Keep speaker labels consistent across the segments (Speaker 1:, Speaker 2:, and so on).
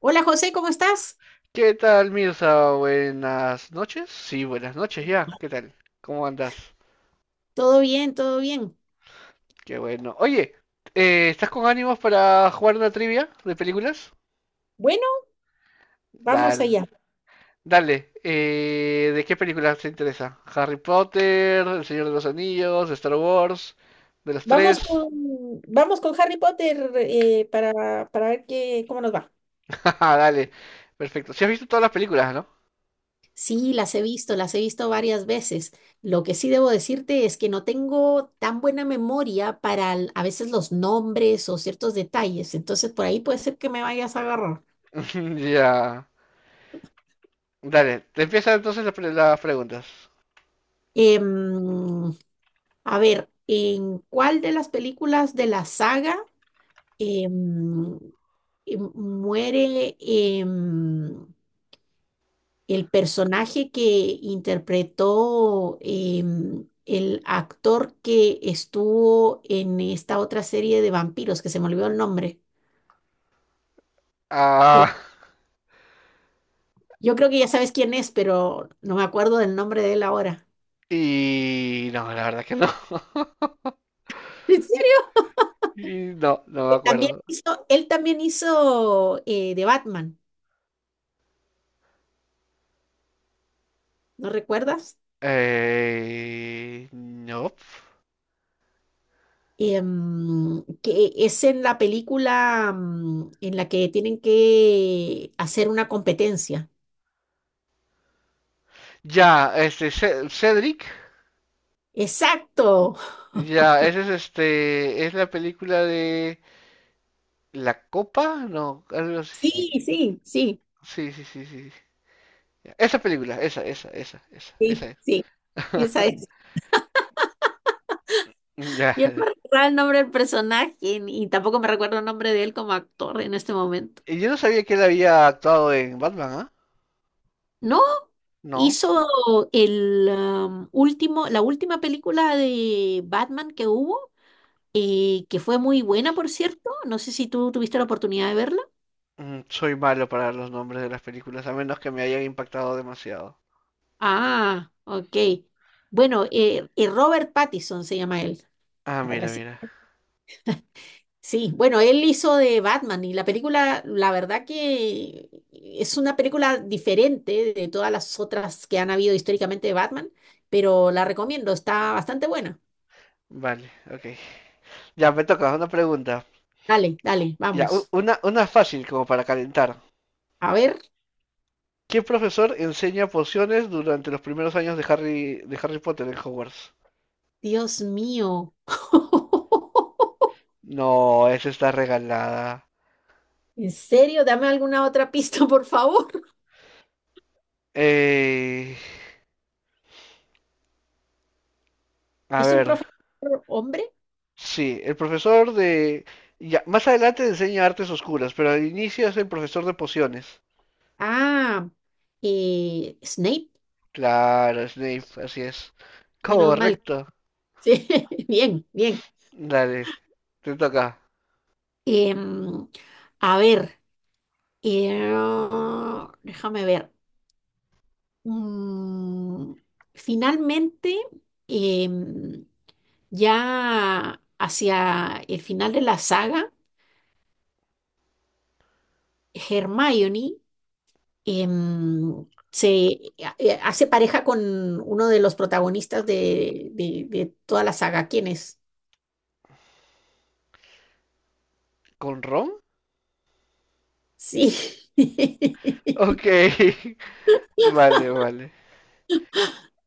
Speaker 1: Hola José, ¿cómo estás?
Speaker 2: ¿Qué tal, Mirza? Buenas noches. Sí, buenas noches ya. ¿Qué tal? ¿Cómo andas?
Speaker 1: Todo bien, todo bien.
Speaker 2: Qué bueno. Oye, ¿estás con ánimos para jugar una trivia de películas?
Speaker 1: Bueno, vamos
Speaker 2: Dale.
Speaker 1: allá.
Speaker 2: Dale. ¿De qué películas te interesa? ¿Harry Potter, El Señor de los Anillos, Star Wars? ¿De las
Speaker 1: Vamos
Speaker 2: tres?
Speaker 1: con, Vamos con Harry Potter, para ver qué, cómo nos va.
Speaker 2: Dale. Perfecto. Si has visto todas las películas, ¿no?
Speaker 1: Sí, las he visto varias veces. Lo que sí debo decirte es que no tengo tan buena memoria para a veces los nombres o ciertos detalles, entonces por ahí puede ser que me vayas a agarrar.
Speaker 2: Ya. Dale. Te empiezan entonces las preguntas.
Speaker 1: Em, a ver, ¿en cuál de las películas de la saga em, muere el personaje que interpretó, el actor que estuvo en esta otra serie de vampiros, que se me olvidó el nombre? de-
Speaker 2: Ah.
Speaker 1: yo creo que ya sabes quién es, pero no me acuerdo del nombre de él ahora.
Speaker 2: Y no, la verdad que no.
Speaker 1: ¿En serio?
Speaker 2: Y no, no me
Speaker 1: Él también
Speaker 2: acuerdo.
Speaker 1: hizo, él también hizo, de Batman, ¿no recuerdas?
Speaker 2: No.
Speaker 1: Que es en la película, en la que tienen que hacer una competencia.
Speaker 2: Ya, este, Cedric.
Speaker 1: Exacto.
Speaker 2: Ya, ese es este, es la película de La Copa, no, algo
Speaker 1: Sí,
Speaker 2: así.
Speaker 1: sí, sí,
Speaker 2: Sí, sí, sí, sí. Sí. Ya, esa película, esa
Speaker 1: sí,
Speaker 2: es.
Speaker 1: sí. Esa es.
Speaker 2: Ya.
Speaker 1: Yo no me recuerdo el nombre del personaje y tampoco me recuerdo el nombre de él como actor en este momento.
Speaker 2: Y yo no sabía que él había actuado en Batman, ¿ah?
Speaker 1: No,
Speaker 2: No.
Speaker 1: hizo el último, la última película de Batman que hubo, que fue muy buena, por cierto. No sé si tú tuviste la oportunidad de verla.
Speaker 2: Soy malo para los nombres de las películas, a menos que me hayan impactado demasiado.
Speaker 1: Ah, ok. Bueno, Robert Pattinson se llama él.
Speaker 2: Ah,
Speaker 1: Ah,
Speaker 2: mira,
Speaker 1: reci-
Speaker 2: mira.
Speaker 1: Sí, bueno, él hizo de Batman y la película, la verdad que es una película diferente de todas las otras que han habido históricamente de Batman, pero la recomiendo, está bastante buena.
Speaker 2: Vale, ok. Ya me toca una pregunta.
Speaker 1: Dale, dale,
Speaker 2: Ya, u-
Speaker 1: vamos.
Speaker 2: una, una fácil como para calentar.
Speaker 1: A ver,
Speaker 2: ¿Qué profesor enseña pociones durante los primeros años de Harry Potter en Hogwarts?
Speaker 1: Dios mío.
Speaker 2: No, esa está regalada.
Speaker 1: ¿En serio? Dame alguna otra pista, por favor.
Speaker 2: Eh, a
Speaker 1: ¿Es un
Speaker 2: ver,
Speaker 1: profesor hombre?
Speaker 2: sí, el profesor de... Ya, más adelante enseña artes oscuras, pero al inicio es el profesor de pociones.
Speaker 1: Ah, Snape.
Speaker 2: Claro, Snape, así es.
Speaker 1: Menos mal.
Speaker 2: Correcto.
Speaker 1: Sí, bien, bien.
Speaker 2: Dale, te toca.
Speaker 1: Em, a ver, eh, déjame ver. Mm, Finalmente, em, ya hacia el final de la saga, Hermione em, se hace pareja con uno de los protagonistas de, de toda la saga. ¿Quién es?
Speaker 2: ¿Con Ron?
Speaker 1: Sí.
Speaker 2: Ok, vale, vale.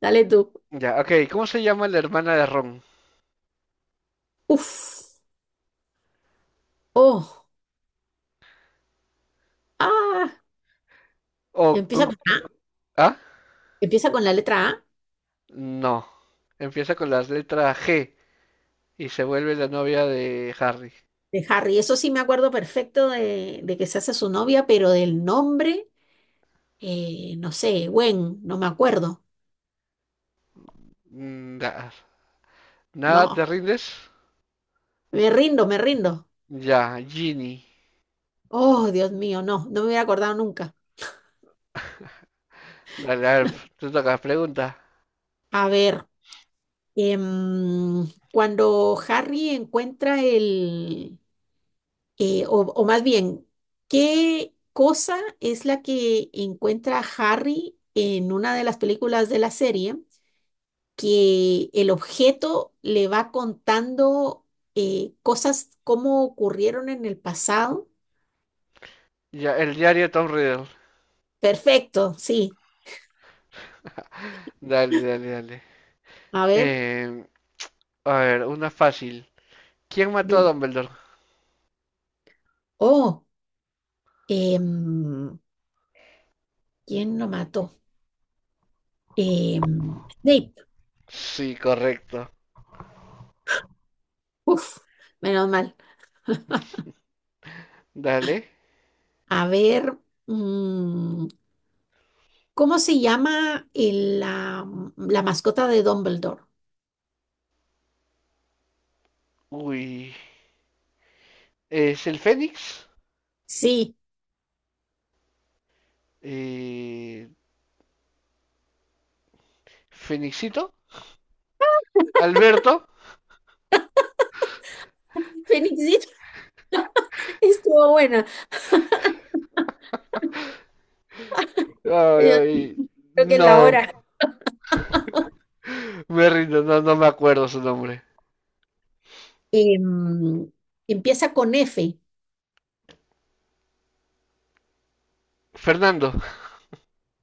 Speaker 1: Dale tú.
Speaker 2: Ya, ok, ¿cómo se llama la hermana de Ron?
Speaker 1: Uf. Oh. Ah.
Speaker 2: O
Speaker 1: Empieza
Speaker 2: con...
Speaker 1: con A,
Speaker 2: ¿Ah?
Speaker 1: empieza con la letra A
Speaker 2: No. Empieza con la letra G y se vuelve la novia de Harry.
Speaker 1: de Harry. Eso sí me acuerdo perfecto de que se hace su novia, pero del nombre, no sé, Gwen, no me acuerdo.
Speaker 2: Mm, da- ¿Nada
Speaker 1: No,
Speaker 2: te rindes?
Speaker 1: me rindo, me rindo.
Speaker 2: Ya, Ginny.
Speaker 1: Oh, Dios mío, no, no me hubiera acordado nunca.
Speaker 2: Dale, a ver, te toca, pregunta.
Speaker 1: A ver, cuando Harry encuentra el, o más bien, ¿qué cosa es la que encuentra Harry en una de las películas de la serie, que el objeto le va contando, cosas como ocurrieron en el pasado?
Speaker 2: Ya, el diario de Tom Riddle.
Speaker 1: Perfecto, sí.
Speaker 2: Dale, dale, dale.
Speaker 1: A ver,
Speaker 2: Em, a ver, una fácil. ¿Quién mató a
Speaker 1: dime.
Speaker 2: Dumbledore?
Speaker 1: Oh, em, ¿quién lo mató? Snape.
Speaker 2: Sí, correcto.
Speaker 1: Uf, menos mal.
Speaker 2: Dale.
Speaker 1: A ver, mm, ¿cómo se llama el, la mascota de Dumbledore?
Speaker 2: Uy. ¿Es el Fénix?
Speaker 1: Sí,
Speaker 2: Eh, ¿Fénixito? ¿Alberto?
Speaker 1: Fénixito, estuvo buena.
Speaker 2: Ay,
Speaker 1: Yo
Speaker 2: ay,
Speaker 1: creo que es la
Speaker 2: no.
Speaker 1: hora.
Speaker 2: Me rindo, no, no me acuerdo su nombre.
Speaker 1: Em, Empieza con F.
Speaker 2: Fernando.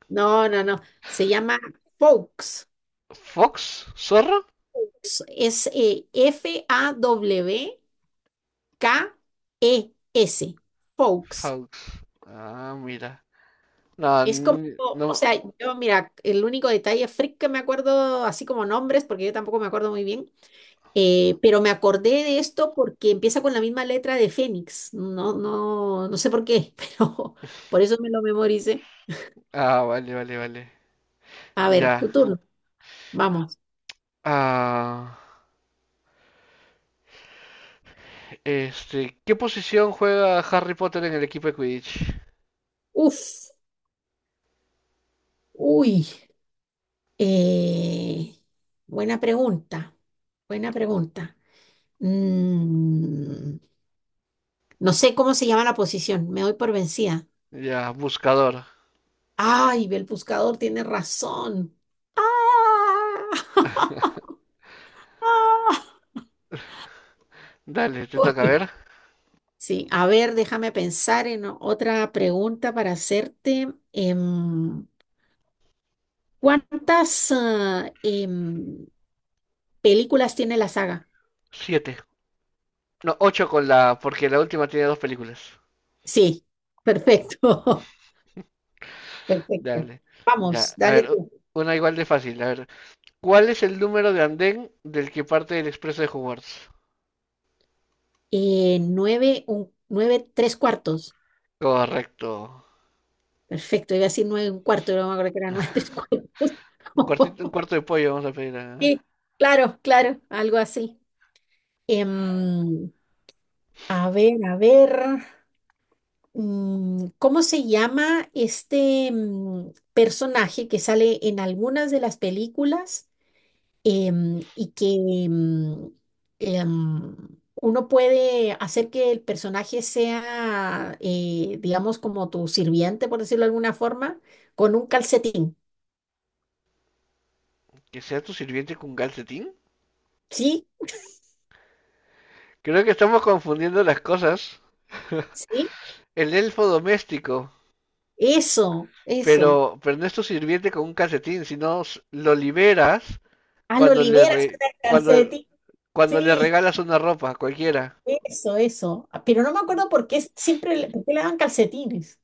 Speaker 1: No, no, no. Se llama Fawkes.
Speaker 2: ¿Fox? ¿Zorro?
Speaker 1: Es Fawkes. Fawkes.
Speaker 2: Fox. Ah, mira. No,
Speaker 1: Es como, o
Speaker 2: no.
Speaker 1: sea, yo, mira, el único detalle freak que me acuerdo, así como nombres, porque yo tampoco me acuerdo muy bien, pero me acordé de esto porque empieza con la misma letra de Fénix. No, no, no sé por qué, pero por eso me lo memoricé.
Speaker 2: Ah, vale, vale, vale.
Speaker 1: A ver, tu
Speaker 2: Ya.
Speaker 1: turno. Vamos.
Speaker 2: Ah, este, ¿qué posición juega Harry Potter en el equipo de Quidditch?
Speaker 1: Uf, uy. Eh, buena pregunta, buena pregunta. Mm, no sé cómo se llama la posición, me doy por vencida.
Speaker 2: Ya, buscador.
Speaker 1: Ay, el buscador tiene razón. ¡Ah!
Speaker 2: Dale, te toca
Speaker 1: Uy,
Speaker 2: ver.
Speaker 1: sí, a ver, déjame pensar en otra pregunta para hacerte. ¿Cuántas películas tiene la saga?
Speaker 2: Siete. No, ocho con la, porque la última tiene dos películas.
Speaker 1: Sí, perfecto. Perfecto.
Speaker 2: Dale.
Speaker 1: Vamos,
Speaker 2: Ya, a
Speaker 1: dale
Speaker 2: ver,
Speaker 1: tú.
Speaker 2: una igual de fácil. A ver, ¿cuál es el número de andén del que parte el expreso de Hogwarts?
Speaker 1: Nueve, un, nueve, tres cuartos.
Speaker 2: Correcto.
Speaker 1: Perfecto, iba a decir nueve, un cuarto, pero no me acuerdo que era nueve, tres cuartos.
Speaker 2: Un cuartito, un cuarto de pollo vamos a pedir a...
Speaker 1: Sí, claro, claro, algo así. Em, a ver, a ver. ¿Cómo se llama este, personaje que sale en algunas de las películas, em, y que em, em, uno puede hacer que el personaje sea, digamos, como tu sirviente, por decirlo de alguna forma, con un calcetín?
Speaker 2: Que sea tu sirviente con calcetín.
Speaker 1: ¿Sí?
Speaker 2: Creo que estamos confundiendo las cosas.
Speaker 1: ¿Sí?
Speaker 2: El elfo doméstico.
Speaker 1: Eso, eso.
Speaker 2: Pero no es tu sirviente con un calcetín, sino lo liberas
Speaker 1: Hazlo,
Speaker 2: cuando le
Speaker 1: liberas
Speaker 2: re-
Speaker 1: con el
Speaker 2: cuando,
Speaker 1: calcetín.
Speaker 2: cuando le
Speaker 1: Sí,
Speaker 2: regalas una ropa, cualquiera.
Speaker 1: eso, eso. Ah, pero no me acuerdo por qué siempre le, por qué le dan calcetines.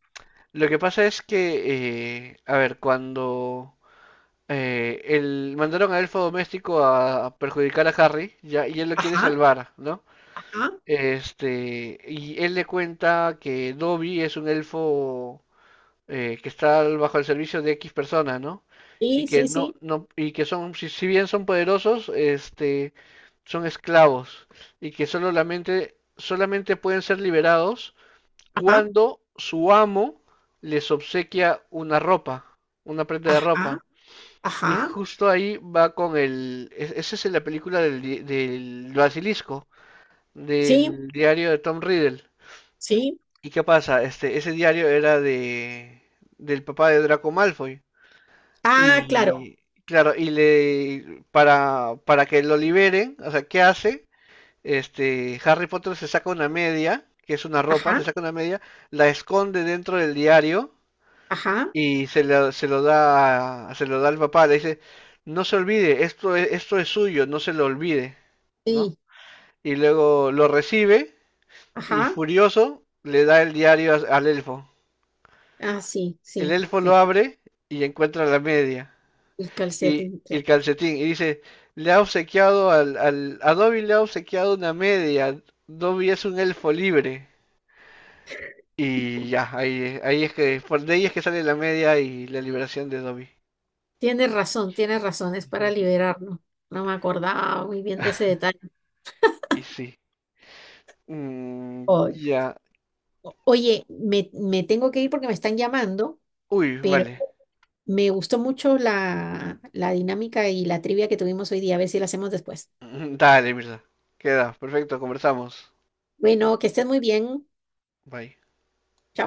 Speaker 2: Lo que pasa es que, a ver, cuando mandaron al elfo doméstico a perjudicar a Harry, ya, y él lo quiere
Speaker 1: Ajá,
Speaker 2: salvar, ¿no?
Speaker 1: ajá.
Speaker 2: Este, y él le cuenta que Dobby es un elfo que está bajo el servicio de X personas, ¿no? Y
Speaker 1: Sí,
Speaker 2: que
Speaker 1: sí,
Speaker 2: no,
Speaker 1: sí.
Speaker 2: no, y que son, si bien son poderosos, este, son esclavos y que solamente, solamente pueden ser liberados
Speaker 1: Ajá,
Speaker 2: cuando su amo les obsequia una ropa, una prenda de
Speaker 1: ajá,
Speaker 2: ropa. Y
Speaker 1: ajá.
Speaker 2: justo ahí va con esa es la película del basilisco,
Speaker 1: Sí,
Speaker 2: del diario de Tom Riddle.
Speaker 1: sí.
Speaker 2: ¿Y qué pasa? Este, ese diario era de del papá de Draco Malfoy.
Speaker 1: Ah, claro.
Speaker 2: Y claro, y le para que lo liberen, o sea, ¿qué hace? Este, Harry Potter se saca una media, que es una ropa,
Speaker 1: Ajá.
Speaker 2: se saca una media, la esconde dentro del diario
Speaker 1: Ajá,
Speaker 2: y se lo da al papá, le dice, "No se olvide, esto es suyo, no se lo olvide", ¿no?
Speaker 1: sí,
Speaker 2: Y luego lo recibe y
Speaker 1: ajá,
Speaker 2: furioso le da el diario al elfo.
Speaker 1: ah, sí,
Speaker 2: El
Speaker 1: sí,
Speaker 2: elfo lo abre y encuentra la media
Speaker 1: el
Speaker 2: y
Speaker 1: calcetín.
Speaker 2: el calcetín y dice, le ha obsequiado a Dobby le ha obsequiado una media. Dobby es un elfo libre. Y ya, ahí es que, por de ahí es que sale la media y la liberación de Dobby.
Speaker 1: Tienes razón, es para
Speaker 2: Ujú.
Speaker 1: liberarnos. No, no me acordaba muy bien de ese detalle.
Speaker 2: Y sí. Mm,
Speaker 1: Oy.
Speaker 2: ya.
Speaker 1: Oye, me tengo que ir porque me están llamando,
Speaker 2: Uy,
Speaker 1: pero
Speaker 2: vale.
Speaker 1: me gustó mucho la, la dinámica y la trivia que tuvimos hoy día. A ver si la hacemos después.
Speaker 2: Dale, Mirza. Queda, perfecto, conversamos.
Speaker 1: Bueno, que estés muy bien.
Speaker 2: Bye.
Speaker 1: Chao.